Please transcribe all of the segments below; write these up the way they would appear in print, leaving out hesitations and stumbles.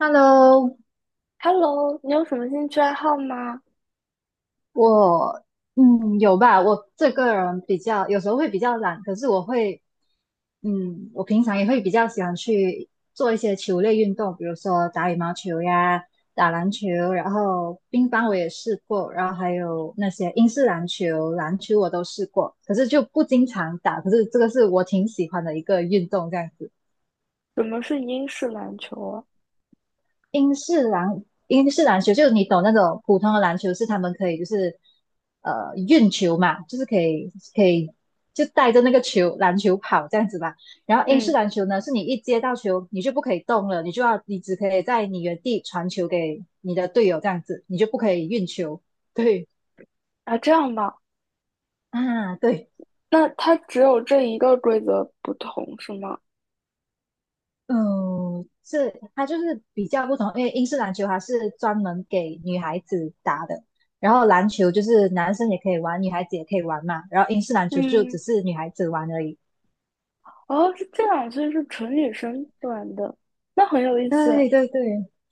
Hello，Hello,你有什么兴趣爱好吗？我有吧，我这个人比较有时候会比较懒，可是我平常也会比较喜欢去做一些球类运动，比如说打羽毛球呀、打篮球，然后乒乓我也试过，然后还有那些英式篮球、篮球我都试过，可是就不经常打，可是这个是我挺喜欢的一个运动，这样子。什么是英式篮球啊？英式篮球，就是你懂那种普通的篮球，是他们可以运球嘛，就是可以就带着那个篮球跑这样子吧。然后英式嗯。篮球呢，是你一接到球你就不可以动了，你就要你只可以在你原地传球给你的队友这样子，你就不可以运球。对啊，这样吧。啊，对。那它只有这一个规则不同是吗？嗯，是它就是比较不同，因为英式篮球它是专门给女孩子打的，然后篮球就是男生也可以玩，女孩子也可以玩嘛，然后英式篮球就只嗯。是女孩子玩而已。哦，是这样，所以是纯女生玩的，那很有意思。对对对，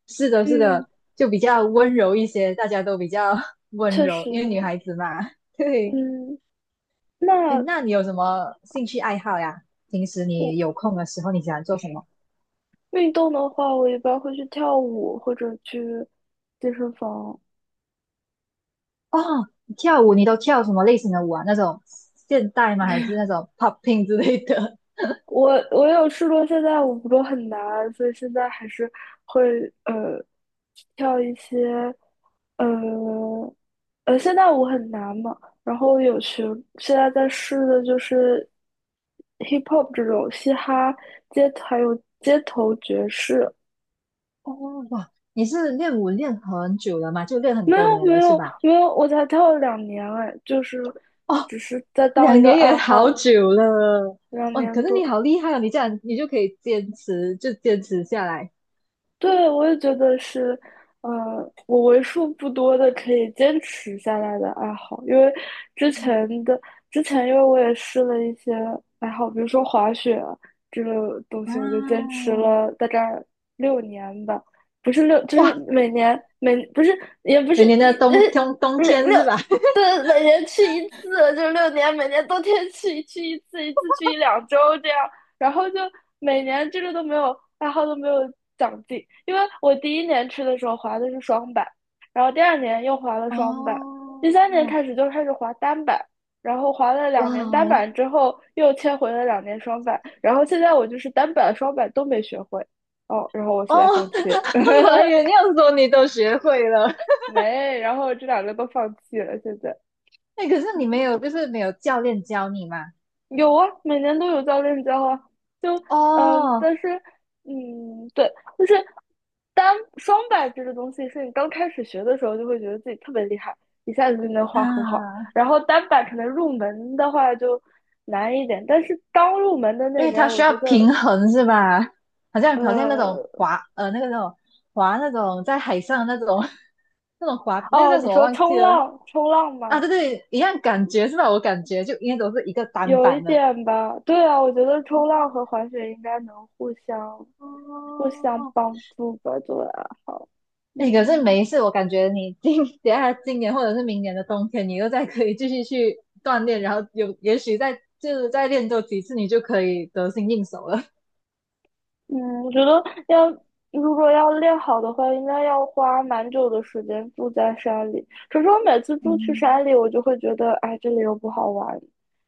是的，是嗯，的，就比较温柔一些，大家都比较 温确柔，实。因为女孩子嘛。对，嗯，诶，那那你有什么兴趣爱好呀？平时我你有空的时候，你喜欢做什么？运动的话，我一般会去跳舞或者去健身房。哦，你跳舞，你都跳什么类型的舞啊？那种现代吗？还是那种 popping 之类的？我有试过，现在舞不都很难，所以现在还是会呃跳一些呃现在舞很难嘛，然后有学，现在在试的就是 hip hop 这种嘻哈街头，还有街头爵士。哦，哇，你是练舞练很久了吗？就练很没有多年没了是有吧？没有，我才跳了两年哎，就是哦，只是在当一两个年也爱好好，久了。两哦，可年是多。你好厉害哦，你这样你就可以坚持，就坚持下来对，我也觉得是，呃，我为数不多的可以坚持下来的爱好，因为之前的之前，因为我也试了一些爱好，比如说滑雪啊这个东啊！西，我就坚持了大概六年吧，不是六，就是哇，每年每不是也不是每年的冬冬冬呃六天六是吧？对，每年去一次，就六年，每年冬天去去一次，一次去一两周这样。然后就每年这个都没有爱好都没有长进，因为我第一年吃的时候滑的是双板，然后第二年又滑了双板，第三年哦，开始就开始滑单板，然后滑了哇两年单哦，板之后又切回了两年双板，然后现在我就是单板双板都没学会。哦，然后我现在哦，放弃 我还以为你要说你都学会了。没，然后这两个都放弃了，现在。哎，可是你没嗯。有，就是没有教练教你嘛？有啊，每年都有教练教啊，就哦，但是对，就是单双板这个东西，是你刚开始学的时候就会觉得自己特别厉害，一下子就能画很好。啊，然后单板可能入门的话就难一点，但是刚入门的因那为年，它需我要觉得平衡是吧？好像那种呃，那个那种滑那种在海上的那种 那种滑那个哦，叫什你么说忘冲记了浪，冲浪啊？吗？对对，一样感觉是吧？我感觉就应该都是一个单有一板的。点吧，对啊，我觉得冲浪和滑雪应该能互相哦，帮助吧，作为爱好。哎，可是嗯。每一次我感觉等下今年或者是明年的冬天，你又再可以继续去锻炼，然后有也许再就是再练多几次，你就可以得心应手了。嗯，我觉得要如果要练好的话，应该要花蛮久的时间住在山里。可是我每次住去嗯，山里，我就会觉得，哎，这里又不好玩，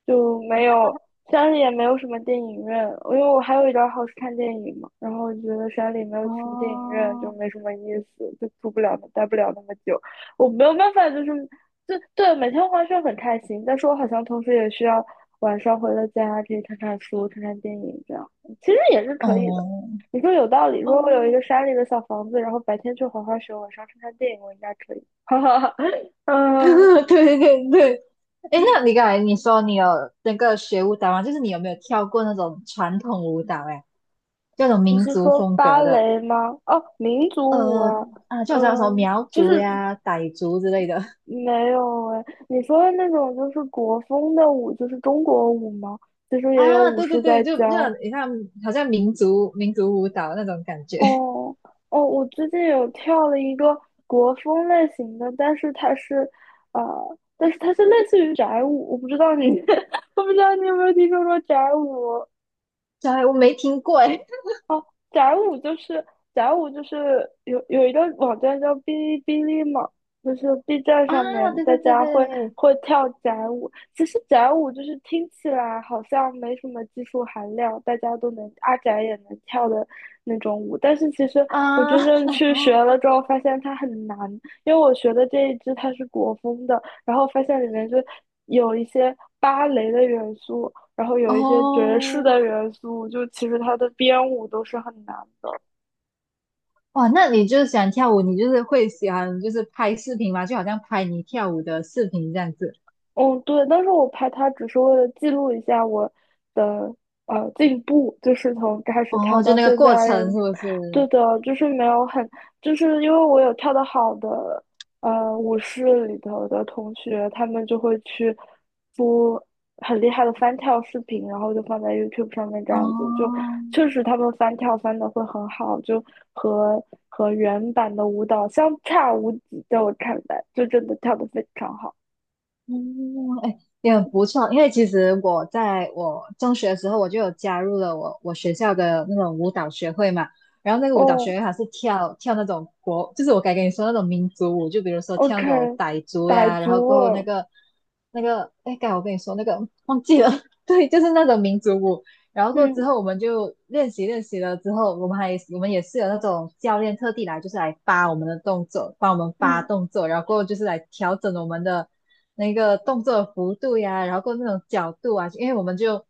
就没有山里也没有什么电影院，因为我还有一点好是看电影嘛。然后我觉得山里没有什么电影院，就哦，没什么意思，就住不了，待不了那么久。我没有办法，就对每天滑雪很开心，但是我好像同时也需要晚上回了家可以看看书、看看电影这样，其实也是可以的。哦，你说有道理。如果我有一哦，个山里的小房子，然后白天去滑滑雪，晚上去看电影，我应该可以。哈哈哈。嗯，对对对，哎，那你刚才你说你有那个学舞蹈吗？就是你有没有跳过那种传统舞蹈？哎，这种你民是族说风芭格的，蕾吗？哦，民族舞呃啊。啊，就好像什么嗯，苗就族是呀、傣族之类的 没有哎。你说的那种就是国风的舞，就是中国舞吗？其实 也有啊，舞对对狮在对，就那教。种你看，好像民族舞蹈那种感觉。哦。哦，我最近有跳了一个国风类型的，但是它是，但是它是类似于宅舞，我不知道你，我不知道你有没有听说过宅舞。对，我没听过哎。哦，宅舞就是有一个网站叫哔哩哔哩嘛，就是 B 站上啊，面对大对对家会对，会跳宅舞。其实宅舞就是听起来好像没什么技术含量，大家都能阿宅也能跳的那种舞，但是其实我啊，真正去学了之 后，发现它很难，因为我学的这一支它是国风的，然后发现里面就有一些芭蕾的元素，然后有一些爵士哦，的元素，就其实它的编舞都是很难的。哇，那你就是喜欢跳舞，你就是会喜欢就是拍视频吗？就好像拍你跳舞的视频这样子。嗯，对，但是我拍它只是为了记录一下我的进步，就是从开始跳哦，就到那个现过在。程是不是？对的，就是没有很，就是因为我有跳得好的舞室里头的同学，他们就会去播很厉害的翻跳视频，然后就放在 YouTube 上面这样子，就哦，确实他们翻跳翻的会很好，就和和原版的舞蹈相差无几，在我看来，就真的跳得非常好。嗯，哎，也很不错。因为其实我在我中学的时候，我就有加入了我学校的那种舞蹈学会嘛。然后那个舞蹈哦，学会它是跳那种国，就是我刚跟你说那种民族舞，就比如说跳 OK，那种傣族傣呀，然后族过后那哦。个那个，哎，刚才我跟你说那个忘记了，对，就是那种民族舞。然后过之嗯。后我们就练习了之后，我们也是有那种教练特地来，就是来扒我们的动作，帮我们扒嗯。动作，然后过就是来调整我们的那个动作的幅度呀，然后过那种角度啊，因为我们就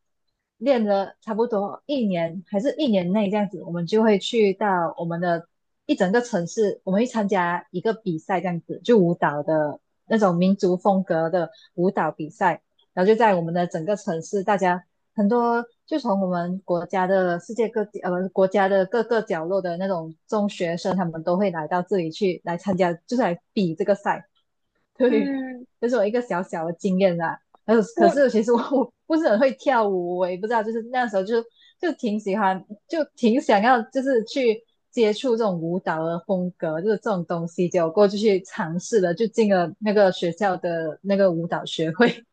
练了差不多一年还是一年内这样子，我们就会去到我们的一整个城市，我们会参加一个比赛这样子，就舞蹈的那种民族风格的舞蹈比赛，然后就在我们的整个城市大家。很多就从我们国家的世界各地，国家的各个角落的那种中学生，他们都会来到这里去来参加，就是来比这个赛。对，嗯，这、是我一个小小的经验啦。还有，可我，是其实我不是很会跳舞，我也不知道，就是那时候就就挺喜欢，就挺想要，就是去接触这种舞蹈的风格，就是这种东西，结果过就去尝试了，就进了那个学校的那个舞蹈学会。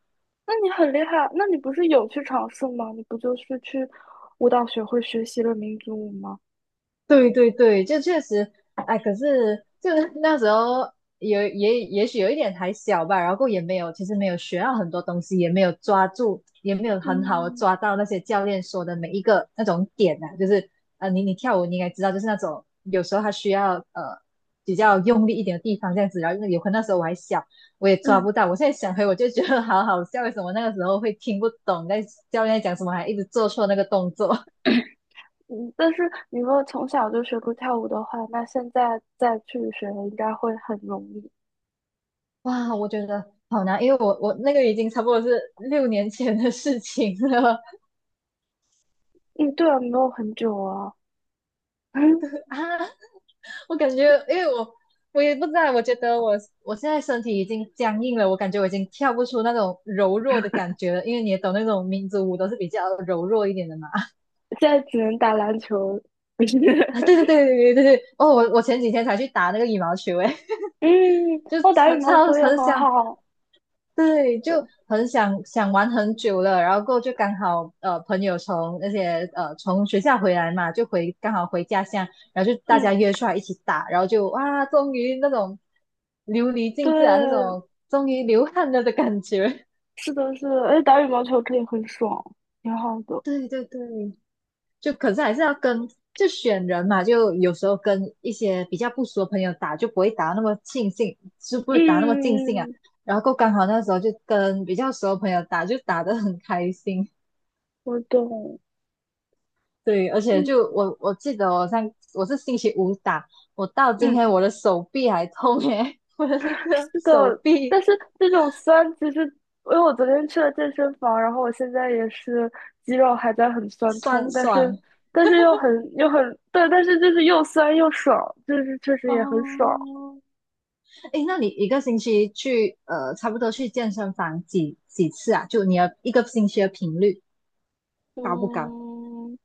那你很厉害，那你不是有去尝试吗？你不就是去舞蹈学会学习了民族舞吗？对对对，就确实，哎，可是就是那时候有也也许有一点还小吧，然后也没有，其实没有学到很多东西，也没有抓住，也没有很好的嗯。抓到那些教练说的每一个那种点啊，就是你跳舞你应该知道，就是那种有时候他需要比较用力一点的地方这样子，然后因为有可能那时候我还小，我也抓嗯。不到，我现在想回我就觉得好好笑，为什么那个时候会听不懂在教练在讲什么，还一直做错那个动作。嗯，但是你如果从小就学过跳舞的话，那现在再去学应该会很容易。哇，我觉得好难，因为我那个已经差不多是六年前的事情了 嗯，对啊，没有很久啊。啊。我感觉，因为我也不知道，我觉得我现在身体已经僵硬了，我感觉我已经跳不出那种柔弱的感觉了。因为你也懂那种民族舞都是比较柔弱一点的嘛。现在只能打篮球。啊，对对对对对对对。哦，我前几天才去打那个羽毛球，诶，嗯，就我打超羽毛超球也很很想好。对，嗯。就对。很想玩很久了，然后过后就刚好朋友从那些从学校回来嘛，就刚好回家乡，然后就大嗯，家约出来一起打，然后就哇，终于那种流离对，尽致啊，那种终于流汗了的感觉。是的，是的，而且打羽毛球可以很爽，挺好的。对对对，就可是还是要跟就选人嘛，就有时候跟一些比较不熟的朋友打，就不会打那么尽兴，就不会打那么尽兴啊。嗯，然后过后刚好那时候就跟比较熟的朋友打，就打得很开心。我懂。对，而且嗯就我记得我是星期五打，我到今嗯，天我的手臂还痛耶，我的那个是的。手臂但是这种酸，其实因为我昨天去了健身房，然后我现在也是肌肉还在很酸痛，酸但是爽但是又很又很对，但是就是又酸又爽，就是确实也很爽。哦。诶，那你一个星期去，差不多去健身房几次啊？就你的一个星期的频率高不高？嗯，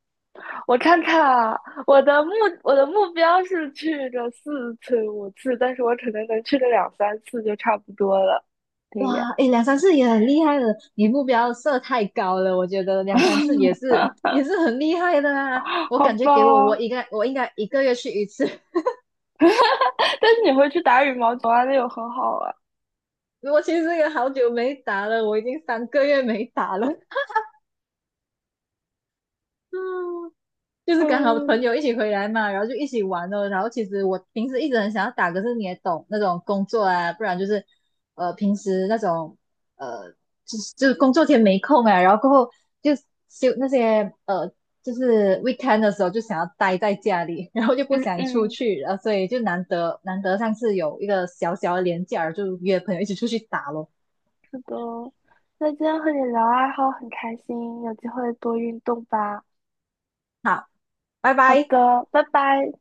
我看看啊，我的目我的目标是去个4次5次，但是我可能能去个两三次就差不多了。对呀。哇，诶，两三次也很厉害了，你目标设太高了，我觉得两三次也是也是很厉害的啊。我好感觉给我吧。应该一个月去一次。但是你会去打羽毛球啊，那有很好啊。我其实也好久没打了，我已经三个月没打了。嗯，就是刚好朋嗯。友一起回来嘛，然后就一起玩了。然后其实我平时一直很想要打，可是你也懂那种工作啊，不然就是平时那种呃就是工作天没空啊，然后过后就休那些就是 weekend 的时候就想要待在家里，然后就不嗯。想出嗯，去，然后所以就难得上次有一个小小的连假，就约朋友一起出去打咯。是的。那今天和你聊爱好很开心，有机会多运动吧。好，拜好拜。的，拜拜。